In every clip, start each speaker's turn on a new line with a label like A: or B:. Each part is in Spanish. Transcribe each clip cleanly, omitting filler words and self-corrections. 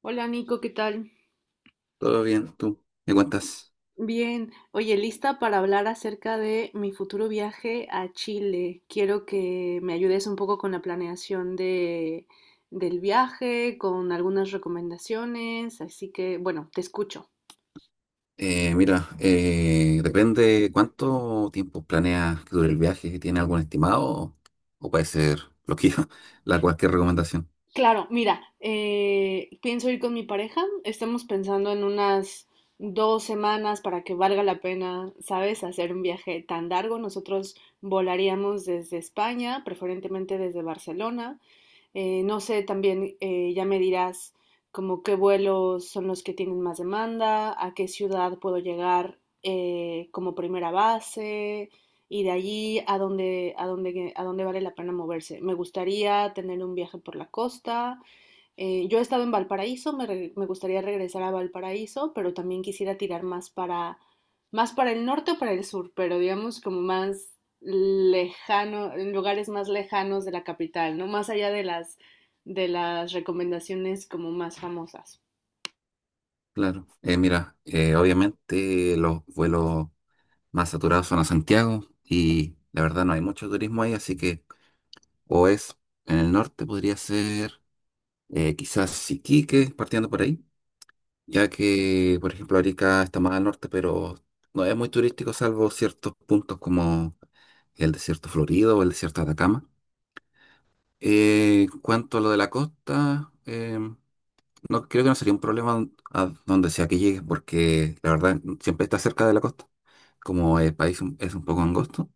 A: Hola Nico, ¿qué tal?
B: Todo bien, tú. ¿Me cuentas?
A: Bien, oye, lista para hablar acerca de mi futuro viaje a Chile. Quiero que me ayudes un poco con la planeación del viaje, con algunas recomendaciones, así que, bueno, te escucho.
B: Depende cuánto tiempo planeas que dure el viaje. ¿Tiene algún estimado? O puede ser lo que la cualquier recomendación.
A: Claro, mira, pienso ir con mi pareja. Estamos pensando en unas dos semanas para que valga la pena, ¿sabes? Hacer un viaje tan largo. Nosotros volaríamos desde España, preferentemente desde Barcelona. No sé, también ya me dirás como qué vuelos son los que tienen más demanda, a qué ciudad puedo llegar como primera base y de allí a dónde vale la pena moverse. Me gustaría tener un viaje por la costa, yo he estado en Valparaíso, me gustaría regresar a Valparaíso, pero también quisiera tirar más para el norte o para el sur, pero digamos como más lejano, en lugares más lejanos de la capital, ¿no? Más allá de las recomendaciones como más famosas.
B: Claro. Obviamente los vuelos más saturados son a Santiago y la verdad no hay mucho turismo ahí, así que o es en el norte, podría ser quizás Iquique, partiendo por ahí ya que, por ejemplo, Arica está más al norte, pero no es muy turístico, salvo ciertos puntos como el desierto Florido o el desierto de Atacama. En cuanto a lo de la costa, no creo que no sería un problema a donde sea que llegues, porque la verdad siempre está cerca de la costa, como el país es un poco angosto.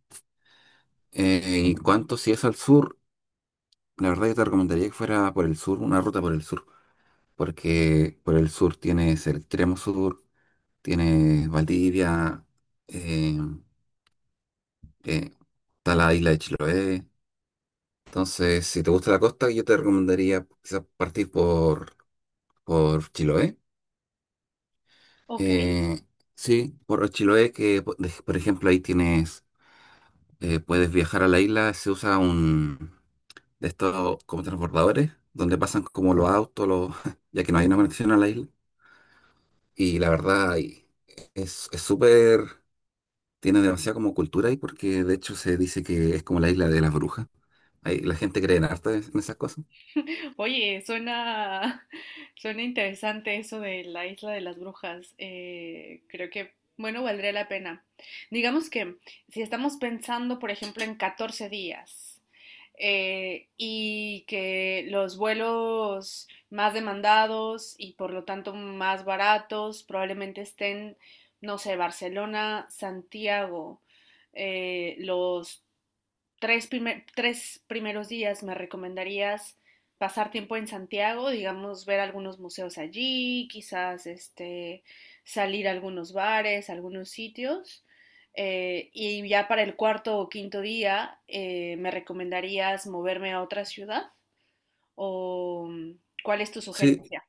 B: En cuanto si es al sur, la verdad yo te recomendaría que fuera por el sur, una ruta por el sur, porque por el sur tienes el extremo sur tiene Valdivia, eh, eh, está la isla de Chiloé. Entonces, si te gusta la costa, yo te recomendaría quizás partir por Chiloé.
A: Ok.
B: Eh, sí, por Chiloé, que por ejemplo ahí tienes, puedes viajar a la isla, se usa un de estos como transbordadores, donde pasan como los autos, los, ya que no hay una conexión a la isla. Y la verdad, ahí es súper. Tiene demasiada como cultura ahí porque de hecho se dice que es como la isla de las brujas. Ahí la gente cree en harta en esas cosas.
A: Oye, suena, suena interesante eso de la isla de las brujas. Bueno, valdría la pena. Digamos que si estamos pensando, por ejemplo, en 14 días, y que los vuelos más demandados y por lo tanto más baratos probablemente estén, no sé, Barcelona, Santiago, los tres primeros días me recomendarías pasar tiempo en Santiago, digamos, ver algunos museos allí, quizás este, salir a algunos bares, a algunos sitios. Y ya para el cuarto o quinto día, ¿me recomendarías moverme a otra ciudad? ¿O cuál es tu
B: Sí,
A: sugerencia?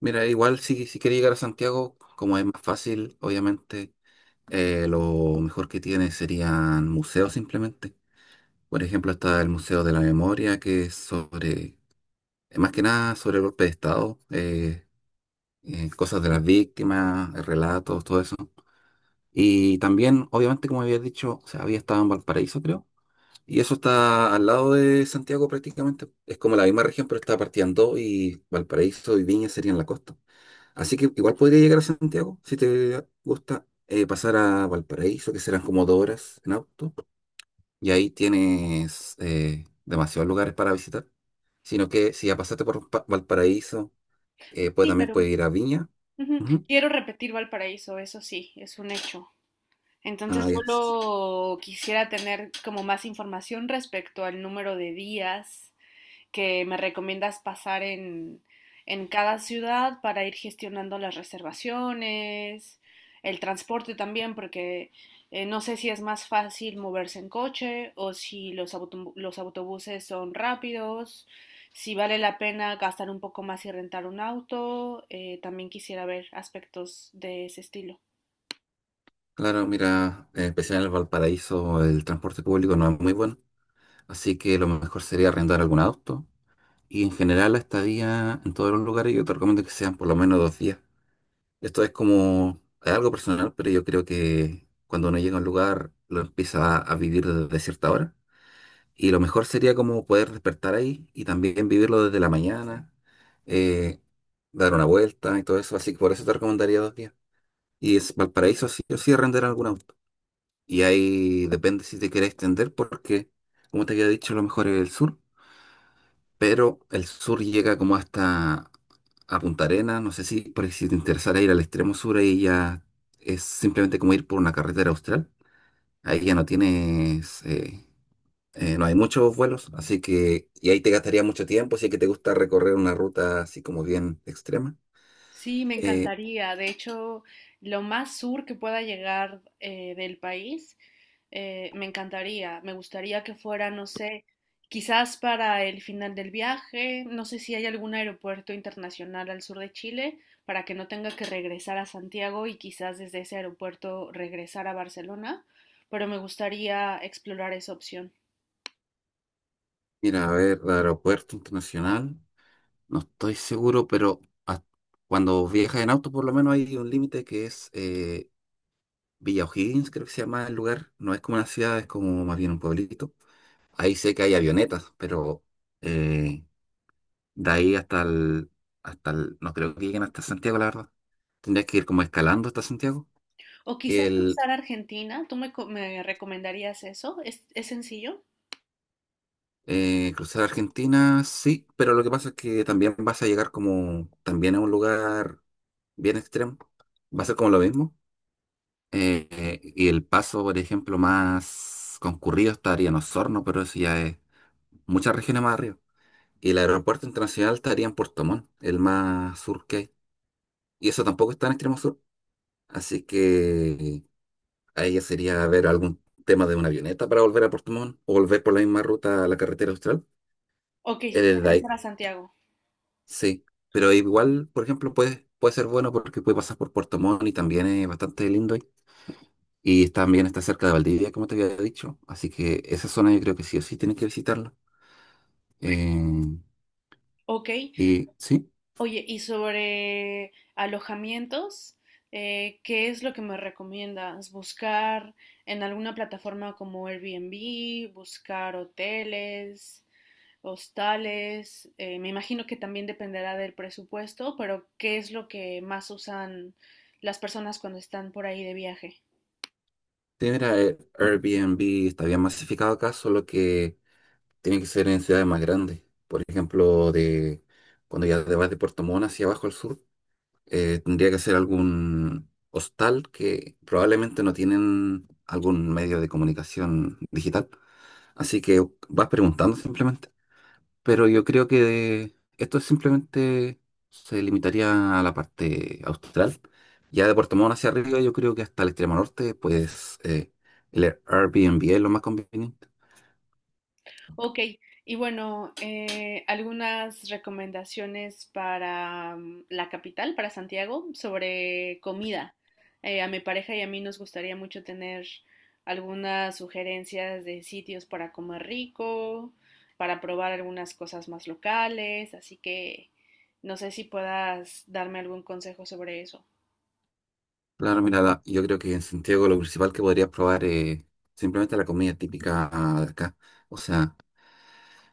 B: mira, igual si quieres llegar a Santiago, como es más fácil, obviamente, lo mejor que tiene serían museos simplemente. Por ejemplo, está el Museo de la Memoria, que es sobre, más que nada sobre el golpe de Estado, cosas de las víctimas, relatos, todo eso. Y también, obviamente, como había dicho, o sea, había estado en Valparaíso, creo. Y eso está al lado de Santiago prácticamente. Es como la misma región, pero está partida en dos y Valparaíso y Viña serían la costa. Así que igual podría llegar a Santiago si te gusta pasar a Valparaíso, que serán como dos horas en auto. Y ahí tienes demasiados lugares para visitar. Sino que si ya pasaste por Valparaíso, pues
A: Sí,
B: también
A: pero
B: puedes ir a Viña.
A: ujú,
B: Ujú.
A: quiero repetir Valparaíso, eso sí, es un hecho. Entonces
B: Ah, ya.
A: solo quisiera tener como más información respecto al número de días que me recomiendas en cada ciudad para ir gestionando las reservaciones, el transporte también, porque no sé si es más fácil moverse en coche o si los autobuses son rápidos, si vale la pena gastar un poco más y rentar un auto. También quisiera ver aspectos de ese estilo.
B: Claro, mira, en especial en el Valparaíso el transporte público no es muy bueno. Así que lo mejor sería arrendar algún auto. Y en general la estadía en todos los lugares yo te recomiendo que sean por lo menos dos días. Esto es como, es algo personal, pero yo creo que cuando uno llega a un lugar lo empieza a vivir desde cierta hora. Y lo mejor sería como poder despertar ahí y también vivirlo desde la mañana, eh, dar una vuelta y todo eso. Así que por eso te recomendaría dos días. Y es Valparaíso sí o sí arrendar algún auto. Y ahí depende si te quieres extender porque, como te había dicho, lo mejor es el sur. Pero el sur llega como hasta a Punta Arenas, no sé si, por ahí si te interesara ir al extremo sur, ahí ya es simplemente como ir por una carretera austral, ahí ya no tienes, no hay muchos vuelos, así que, y ahí te gastaría mucho tiempo, si es que te gusta recorrer una ruta así como bien extrema.
A: Sí, me
B: Eh,
A: encantaría. De hecho, lo más sur que pueda llegar del país, me encantaría. Me gustaría que fuera, no sé, quizás para el final del viaje. No sé si hay algún aeropuerto internacional al sur de Chile para que no tenga que regresar a Santiago y quizás desde ese aeropuerto regresar a Barcelona. Pero me gustaría explorar esa opción.
B: Mira, a ver, el aeropuerto internacional, no estoy seguro, pero hasta- cuando viajas en auto por lo menos hay un límite que es... Villa O'Higgins, creo que se llama el lugar. No es como una ciudad, es como más bien un pueblito. Ahí sé que hay avionetas, pero eh, de ahí hasta no creo que lleguen hasta Santiago, la verdad. Tendrías que ir como escalando hasta Santiago.
A: O quizás
B: El
A: cruzar a Argentina. Me recomendarías eso? Es sencillo?
B: cruzar Argentina, sí, pero lo que pasa es que también vas a llegar como también a un lugar bien extremo. Va a ser como lo mismo. Y el paso, por ejemplo, más concurrido estaría en Osorno, pero eso ya es muchas regiones más arriba. Y el aeropuerto internacional estaría en Puerto Montt, el más sur que hay. Y eso tampoco está en extremo sur. Así que ahí ya sería ver algún tema de una avioneta para volver a Puerto Montt o volver por la misma ruta a la carretera austral.
A: Ok,
B: Es desde ahí,
A: regresar a Santiago.
B: sí. Pero igual, por ejemplo, puede ser bueno porque puede pasar por Puerto Montt y también es bastante lindo ahí. Y también está cerca de Valdivia, como te había dicho. Así que esa zona yo creo que sí o sí tienes que visitarla. Eh,
A: Ok,
B: y sí.
A: oye, y sobre alojamientos, ¿qué es lo que me recomiendas? ¿Buscar en alguna plataforma como Airbnb, buscar hoteles, hostales? Me imagino que también dependerá del presupuesto, pero ¿qué es lo que más usan las personas cuando están por ahí de viaje?
B: Sí, mira, Airbnb está bien masificado acá, solo que tiene que ser en ciudades más grandes. Por ejemplo, de cuando ya te vas de Puerto Montt hacia abajo al sur, tendría que ser algún hostal que probablemente no tienen algún medio de comunicación digital. Así que vas preguntando simplemente. Pero yo creo que esto simplemente se limitaría a la parte austral. Ya de Puerto Montt hacia arriba, yo creo que hasta el extremo norte, pues el Airbnb es lo más conveniente.
A: Ok, y bueno, algunas recomendaciones para la capital, para Santiago, sobre comida. A mi pareja y a mí nos gustaría mucho tener algunas sugerencias de sitios para comer rico, para probar algunas cosas más locales, así que no sé si puedas darme algún consejo sobre eso.
B: Claro, mira, yo creo que en Santiago lo principal que podrías probar es simplemente la comida típica de acá. O sea,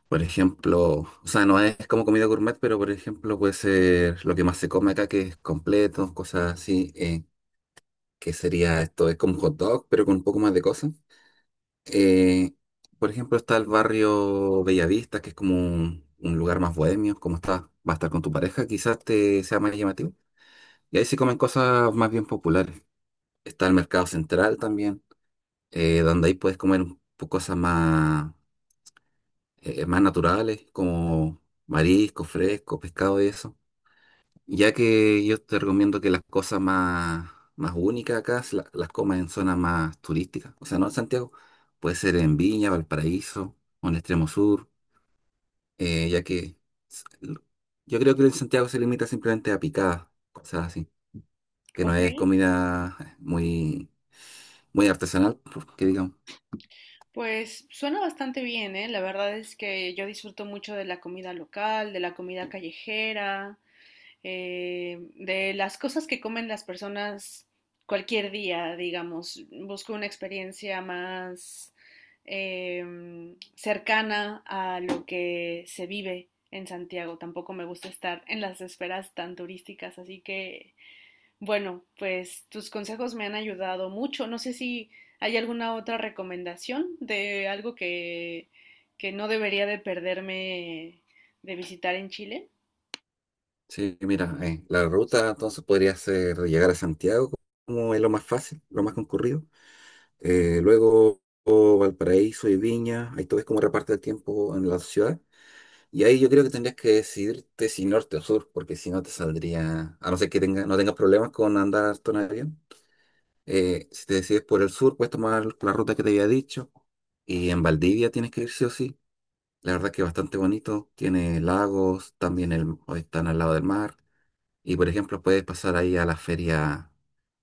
B: por ejemplo, o sea, no es como comida gourmet, pero por ejemplo puede ser lo que más se come acá, que es completo, cosas así, que sería esto, es como un hot dog, pero con un poco más de cosas. Eh, por ejemplo, está el barrio Bellavista, que es como un lugar más bohemio, como está, va a estar con tu pareja, quizás te sea más llamativo. Y ahí se comen cosas más bien populares. Está el mercado central también, donde ahí puedes comer un cosas más, más naturales, como marisco, fresco, pescado y eso. Ya que yo te recomiendo que las cosas más únicas acá las comas en zonas más turísticas. O sea, no en Santiago. Puede ser en Viña, Valparaíso o en Extremo Sur. Ya que s- l- yo creo que en Santiago se limita simplemente a picadas, cosas así. Que no
A: Ok,
B: es comida muy artesanal, que digamos.
A: pues suena bastante bien, ¿eh? La verdad es que yo disfruto mucho de la comida local, de la comida callejera. De las cosas que comen las personas cualquier día, digamos. Busco una experiencia más eh, cercana a lo que se vive en Santiago. Tampoco me gusta estar en las esferas tan turísticas, así que bueno, pues tus consejos me han ayudado mucho. No sé si hay alguna otra recomendación de algo que no debería de perderme de visitar en Chile.
B: Sí, mira, la ruta entonces podría ser llegar a Santiago como es lo más fácil, lo más concurrido. Luego oh, Valparaíso y Viña, ahí tú ves cómo reparte el tiempo en la ciudad. Y ahí yo creo que tendrías que decidirte si norte o sur, porque si no te saldría, a no ser que tenga, no tengas problemas con andar harto en avión. Si te decides por el sur, puedes tomar la ruta que te había dicho. Y en Valdivia tienes que ir sí o sí. La verdad que es bastante bonito. Tiene lagos, también el, están al lado del mar. Y por ejemplo, puedes pasar ahí a la feria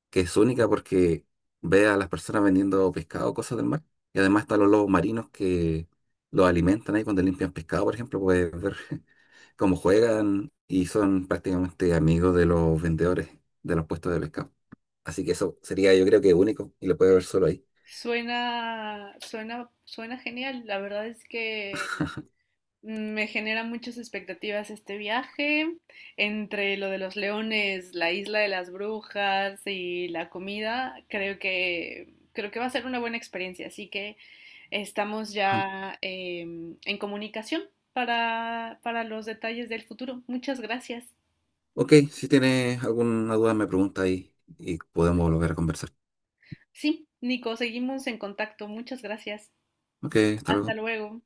B: que es única porque ve a las personas vendiendo pescado, cosas del mar, y además están los lobos marinos que los alimentan ahí cuando limpian pescado, por ejemplo, puedes ver cómo juegan y son prácticamente amigos de los vendedores de los puestos de pescado. Así que eso sería yo creo que único y lo puede ver solo ahí.
A: Suena genial. La verdad es que me genera muchas expectativas este viaje. Entre lo de los leones, la isla de las brujas y la comida, creo que va a ser una buena experiencia. Así que estamos
B: Ajá.
A: ya em, en comunicación para los detalles del futuro. Muchas gracias.
B: Ok, si tienes alguna duda me pregunta ahí y podemos volver a conversar.
A: Sí, Nico, seguimos en contacto. Muchas gracias.
B: Ok, hasta
A: Hasta
B: luego.
A: luego.